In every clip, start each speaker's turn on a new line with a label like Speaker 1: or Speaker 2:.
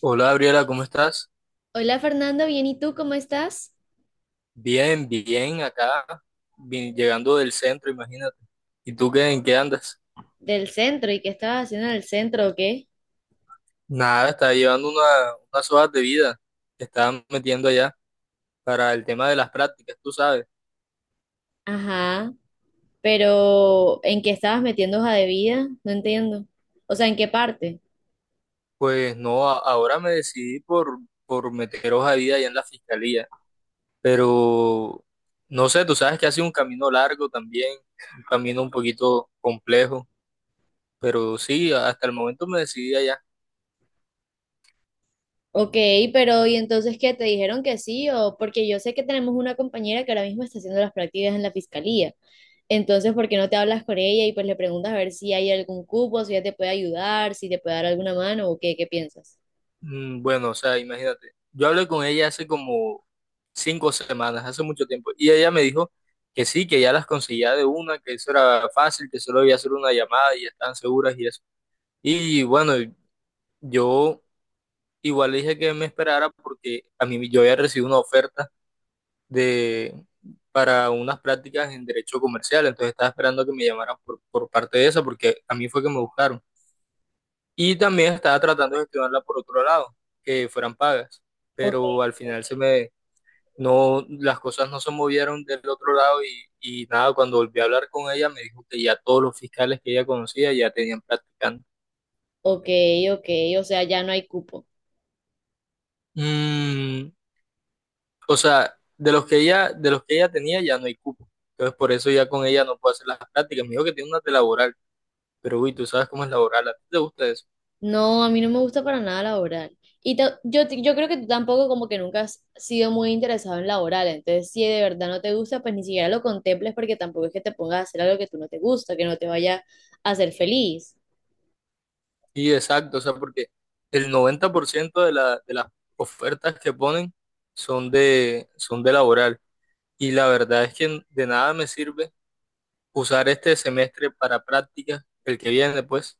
Speaker 1: Hola Gabriela, ¿cómo estás?
Speaker 2: Hola Fernando, bien, ¿y tú cómo estás?
Speaker 1: Bien, acá, bien, llegando del centro, imagínate. ¿Y tú qué, en qué andas?
Speaker 2: Del centro, ¿y qué estabas haciendo en el centro o qué?
Speaker 1: Nada, estaba unas hojas de vida que estaban metiendo allá para el tema de las prácticas, tú sabes.
Speaker 2: Ajá, pero ¿en qué estabas metiendo hoja de vida? No entiendo. O sea, ¿en qué parte?
Speaker 1: Pues no, ahora me por meter hoja de vida allá en la fiscalía, pero no sé, tú sabes que ha sido un camino largo también, un camino un poquito complejo, pero sí, hasta el momento me decidí allá.
Speaker 2: Ok, pero ¿y entonces qué? ¿Te dijeron que sí? O porque yo sé que tenemos una compañera que ahora mismo está haciendo las prácticas en la fiscalía. Entonces, ¿por qué no te hablas con ella y pues le preguntas a ver si hay algún cupo, si ella te puede ayudar, si te puede dar alguna mano o qué, qué piensas?
Speaker 1: Mm, bueno, o sea, imagínate. Yo hablé con ella hace como 5 semanas, hace mucho tiempo. Y ella me dijo que sí, que ya las conseguía de una, que eso era fácil, que solo había hacer una llamada y ya estaban seguras y eso. Y bueno, yo igual le dije que me esperara porque a mí yo había recibido una oferta de para unas prácticas en derecho comercial, entonces estaba esperando que me llamaran por parte de eso porque a mí fue que me buscaron. Y también estaba tratando de gestionarla por otro lado, que fueran pagas,
Speaker 2: Ok,
Speaker 1: pero al final se me no, las cosas no se movieron del otro lado y nada, cuando volví a hablar con ella me dijo que ya todos los fiscales que ella conocía ya tenían practicante.
Speaker 2: ok, ok, o sea, ya no hay cupo.
Speaker 1: Mm, o sea, de los que ella tenía ya no hay cupo. Entonces por eso ya con ella no puedo hacer las prácticas. Me dijo que tiene una de laboral, pero uy, tú sabes cómo es laboral, ¿a ti te gusta eso?
Speaker 2: No, a mí no me gusta para nada la oral. Y yo creo que tú tampoco como que nunca has sido muy interesado en la oral. Entonces, si de verdad no te gusta, pues ni siquiera lo contemples porque tampoco es que te pongas a hacer algo que tú no te gusta, que no te vaya a hacer feliz.
Speaker 1: Sí, exacto, o sea, porque el 90% de las ofertas que ponen son de laboral. Y la verdad es que de nada me sirve usar este semestre para prácticas el que viene pues,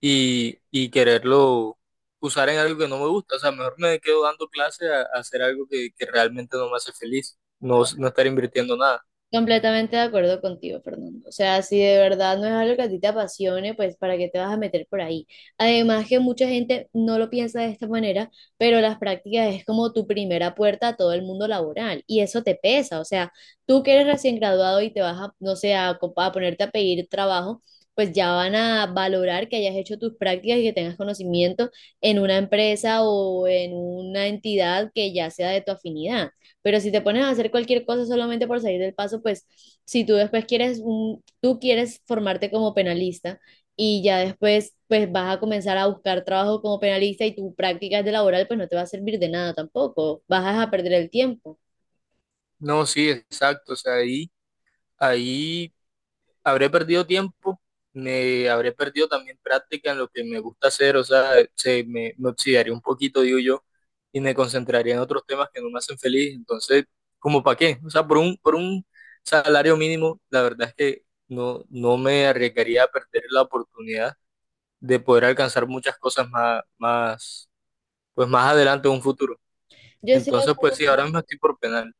Speaker 1: y quererlo usar en algo que no me gusta. O sea, mejor me quedo dando clase a hacer algo que realmente no me hace feliz, no, no estar invirtiendo nada.
Speaker 2: Completamente de acuerdo contigo, Fernando. O sea, si de verdad no es algo que a ti te apasione, pues ¿para qué te vas a meter por ahí? Además que mucha gente no lo piensa de esta manera, pero las prácticas es como tu primera puerta a todo el mundo laboral y eso te pesa. O sea, tú que eres recién graduado y te vas a, no sé, a ponerte a pedir trabajo, pues ya van a valorar que hayas hecho tus prácticas y que tengas conocimiento en una empresa o en una entidad que ya sea de tu afinidad. Pero si te pones a hacer cualquier cosa solamente por salir del paso, pues si tú después quieres, un, tú quieres formarte como penalista y ya después pues vas a comenzar a buscar trabajo como penalista y tu práctica es de laboral pues no te va a servir de nada tampoco, vas a perder el tiempo.
Speaker 1: No, sí, exacto. O sea, ahí habré perdido tiempo, me habré perdido también práctica en lo que me gusta hacer. O sea, me oxidaría un poquito, digo yo, y me concentraría en otros temas que no me hacen feliz. Entonces, ¿como para qué? O sea, por un salario mínimo, la verdad es que no, no me arriesgaría a perder la oportunidad de poder alcanzar muchas cosas más, más, pues más adelante en un futuro.
Speaker 2: Yo estoy de
Speaker 1: Entonces, pues
Speaker 2: acuerdo
Speaker 1: sí, ahora mismo estoy por penal.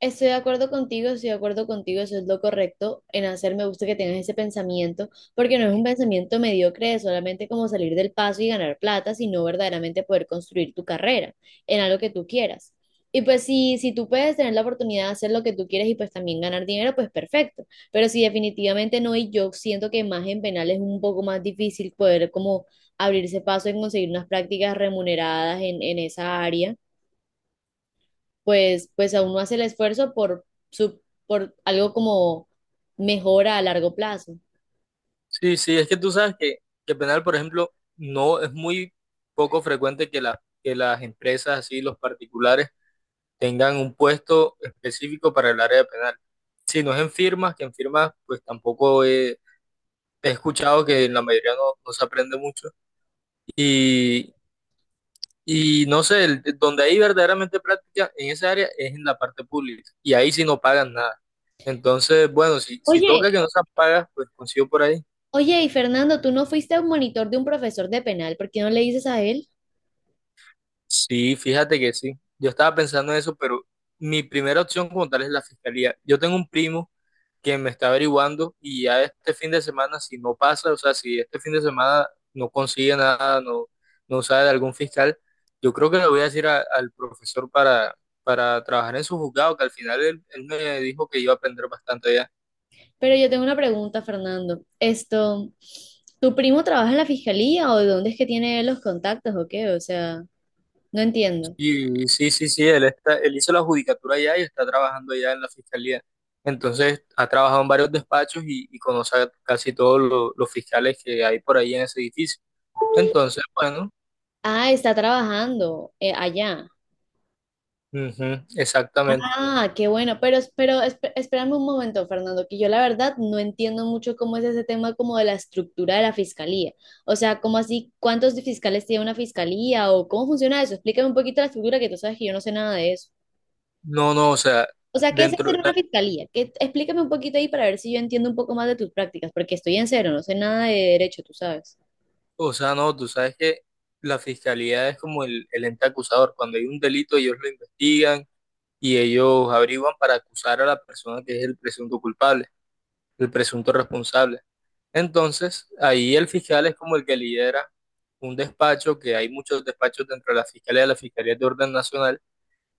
Speaker 2: Estoy de acuerdo contigo, estoy de acuerdo contigo, eso es lo correcto en hacer. Me gusta que tengas ese pensamiento, porque no es un pensamiento mediocre de solamente como salir del paso y ganar plata, sino verdaderamente poder construir tu carrera en algo que tú quieras. Y pues si, si tú puedes tener la oportunidad de hacer lo que tú quieres y pues también ganar dinero, pues perfecto. Pero si definitivamente no, y yo siento que más en penal es un poco más difícil poder como abrirse paso en conseguir unas prácticas remuneradas en esa área pues, pues aún no hace el esfuerzo por, su, por algo como mejora a largo plazo.
Speaker 1: Sí, sí, es que tú sabes que penal, por ejemplo, no es muy poco frecuente que las empresas, así, los particulares, tengan un puesto específico para el área penal. Si no es en firmas, que en firmas pues tampoco he, he escuchado que en la mayoría no, no se aprende mucho. Y, y no sé, donde hay verdaderamente práctica en esa área es en la parte pública. Y ahí sí no pagan nada. Entonces, bueno, si, si toca
Speaker 2: Oye,
Speaker 1: que no se pagas, pues consigo por ahí.
Speaker 2: oye, y Fernando, tú no fuiste a un monitor de un profesor de penal, ¿por qué no le dices a él?
Speaker 1: Sí, fíjate que sí. Yo estaba pensando en eso, pero mi primera opción como tal es la fiscalía. Yo tengo un primo quien me está averiguando y ya este fin de semana, si no pasa, o sea, si este fin de semana no consigue nada, no, no sabe de algún fiscal, yo creo que le voy a decir al profesor para trabajar en su juzgado, que al final él me dijo que iba a aprender bastante allá.
Speaker 2: Pero yo tengo una pregunta, Fernando. Esto, ¿tu primo trabaja en la fiscalía o de dónde es que tiene él los contactos o qué? O sea, no entiendo.
Speaker 1: Y sí, sí, sí, él hizo la judicatura allá y está trabajando allá en la fiscalía. Entonces, ha trabajado en varios despachos y conoce a casi todos los fiscales que hay por ahí en ese edificio. Entonces, bueno,
Speaker 2: Ah, está trabajando allá.
Speaker 1: ujú, exactamente.
Speaker 2: Ah, qué bueno, pero espérame un momento, Fernando, que yo la verdad no entiendo mucho cómo es ese tema como de la estructura de la fiscalía. O sea, ¿cómo así? ¿Cuántos fiscales tiene una fiscalía o cómo funciona eso? Explícame un poquito la estructura que tú sabes que yo no sé nada de eso.
Speaker 1: No, no, o sea,
Speaker 2: O sea, ¿qué es
Speaker 1: dentro,
Speaker 2: hacer
Speaker 1: de
Speaker 2: una
Speaker 1: la-
Speaker 2: fiscalía? ¿Qué- explícame un poquito ahí para ver si yo entiendo un poco más de tus prácticas, porque estoy en cero, no sé nada de derecho, tú sabes.
Speaker 1: o sea, no, tú sabes que la fiscalía es como el ente acusador. Cuando hay un delito, ellos lo investigan y ellos averiguan para acusar a la persona que es el presunto culpable, el presunto responsable. Entonces, ahí el fiscal es como el que lidera un despacho, que hay muchos despachos dentro de la fiscalía es de orden nacional,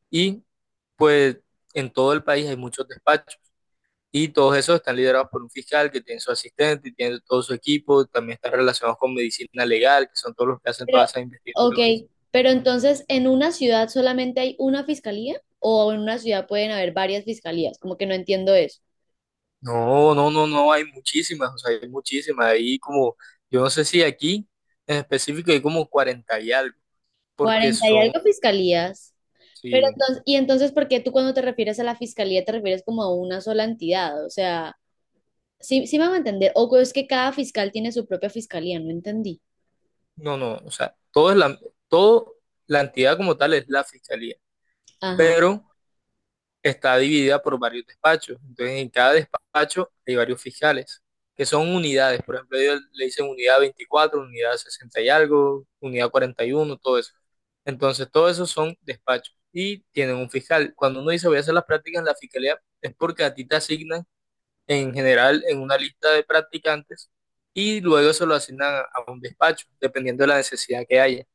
Speaker 1: y pues en todo el país hay muchos despachos. Y todos esos están liderados por un fiscal que tiene su asistente y tiene todo su equipo, también están relacionados con medicina legal, que son todos los que hacen
Speaker 2: Pero,
Speaker 1: todas esas
Speaker 2: ok,
Speaker 1: investigaciones.
Speaker 2: pero entonces, ¿en una ciudad solamente hay una fiscalía o en una ciudad pueden haber varias fiscalías? Como que no entiendo eso.
Speaker 1: No, no, no, no, hay muchísimas, o sea, hay muchísimas. Hay como, yo no sé si aquí en específico hay como 40 y algo, porque
Speaker 2: Cuarenta y
Speaker 1: son,
Speaker 2: algo fiscalías. Pero
Speaker 1: sí,
Speaker 2: entonces, y entonces, ¿por qué tú cuando te refieres a la fiscalía te refieres como a una sola entidad? O sea, sí, sí me va a entender. O es que cada fiscal tiene su propia fiscalía, no entendí.
Speaker 1: no, no, o sea, todo, la entidad como tal es la fiscalía,
Speaker 2: Ajá.
Speaker 1: pero está dividida por varios despachos. Entonces, en cada despacho hay varios fiscales, que son unidades. Por ejemplo, ellos le dicen unidad 24, unidad 60 y algo, unidad 41, todo eso. Entonces, todo eso son despachos y tienen un fiscal. Cuando uno dice voy a hacer las prácticas en la fiscalía, es porque a ti te asignan en general en una lista de practicantes y luego se lo asignan a un despacho, dependiendo de la necesidad que haya.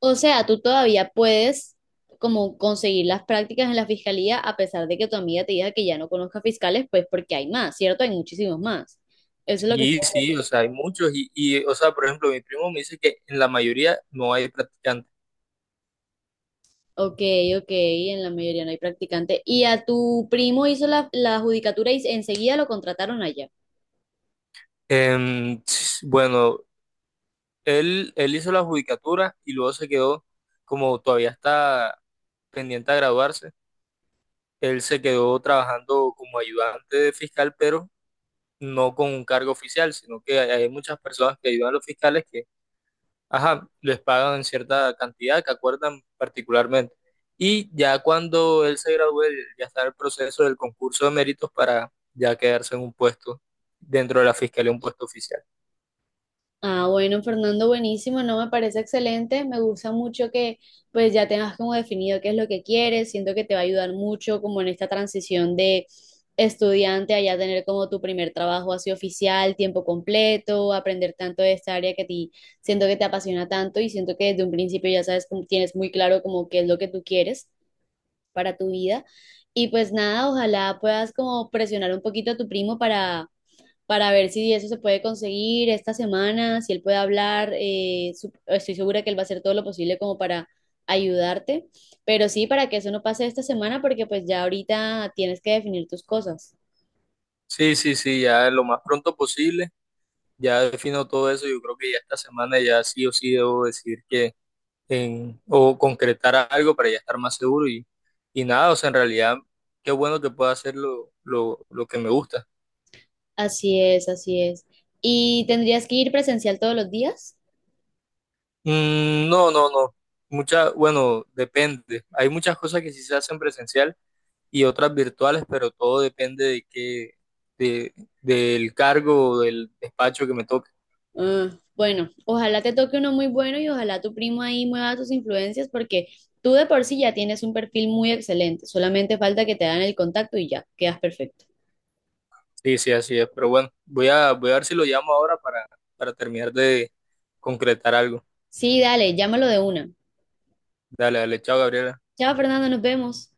Speaker 2: O sea, tú todavía puedes como conseguir las prácticas en la fiscalía a pesar de que tu amiga te diga que ya no conozca fiscales, pues porque hay más, ¿cierto? Hay muchísimos más. Eso es lo que...
Speaker 1: Y sí, o sea, hay muchos y, o sea, por ejemplo, mi primo me dice que en la mayoría no hay practicantes.
Speaker 2: Ok, ok, en la mayoría no hay practicante. ¿Y a tu primo hizo la judicatura y enseguida lo contrataron allá?
Speaker 1: Bueno, él hizo la judicatura y luego se quedó, como todavía está pendiente a graduarse, él se quedó trabajando como ayudante de fiscal, pero no con un cargo oficial, sino que hay muchas personas que ayudan a los fiscales ajá, les pagan cierta cantidad que acuerdan particularmente. Y ya cuando él se graduó, él ya está en el proceso del concurso de méritos para ya quedarse en un puesto dentro de la fiscalía, un puesto oficial.
Speaker 2: Ah, bueno, Fernando, buenísimo, no me parece excelente, me gusta mucho que pues ya tengas como definido qué es lo que quieres, siento que te va a ayudar mucho como en esta transición de estudiante a ya tener como tu primer trabajo así oficial, tiempo completo, aprender tanto de esta área que a ti siento que te apasiona tanto y siento que desde un principio ya sabes, tienes muy claro como qué es lo que tú quieres para tu vida y pues nada, ojalá puedas como presionar un poquito a tu primo para ver si eso se puede conseguir esta semana, si él puede hablar. Estoy segura que él va a hacer todo lo posible como para ayudarte, pero sí, para que eso no pase esta semana, porque pues ya ahorita tienes que definir tus cosas.
Speaker 1: Sí, sí, sí, ya lo más pronto posible, ya defino todo eso, yo creo que ya esta semana ya sí o sí debo decir que en, o concretar algo para ya estar más seguro y nada, o sea, en realidad qué bueno que pueda hacer lo que me gusta.
Speaker 2: Así es, así es. ¿Y tendrías que ir presencial todos los días?
Speaker 1: Mm, no, no, no, muchas, bueno, depende, hay muchas cosas que sí se hacen presencial y otras virtuales, pero todo depende de qué, de, del cargo o del despacho que me toque.
Speaker 2: Ah, bueno, ojalá te toque uno muy bueno y ojalá tu primo ahí mueva tus influencias porque tú de por sí ya tienes un perfil muy excelente, solamente falta que te hagan el contacto y ya, quedas perfecto.
Speaker 1: Sí, sí, así es. Pero bueno, voy a ver si lo llamo ahora para terminar de concretar algo.
Speaker 2: Sí, dale, llámalo de una.
Speaker 1: Dale, dale, chao, Gabriel.
Speaker 2: Chao, Fernando, nos vemos.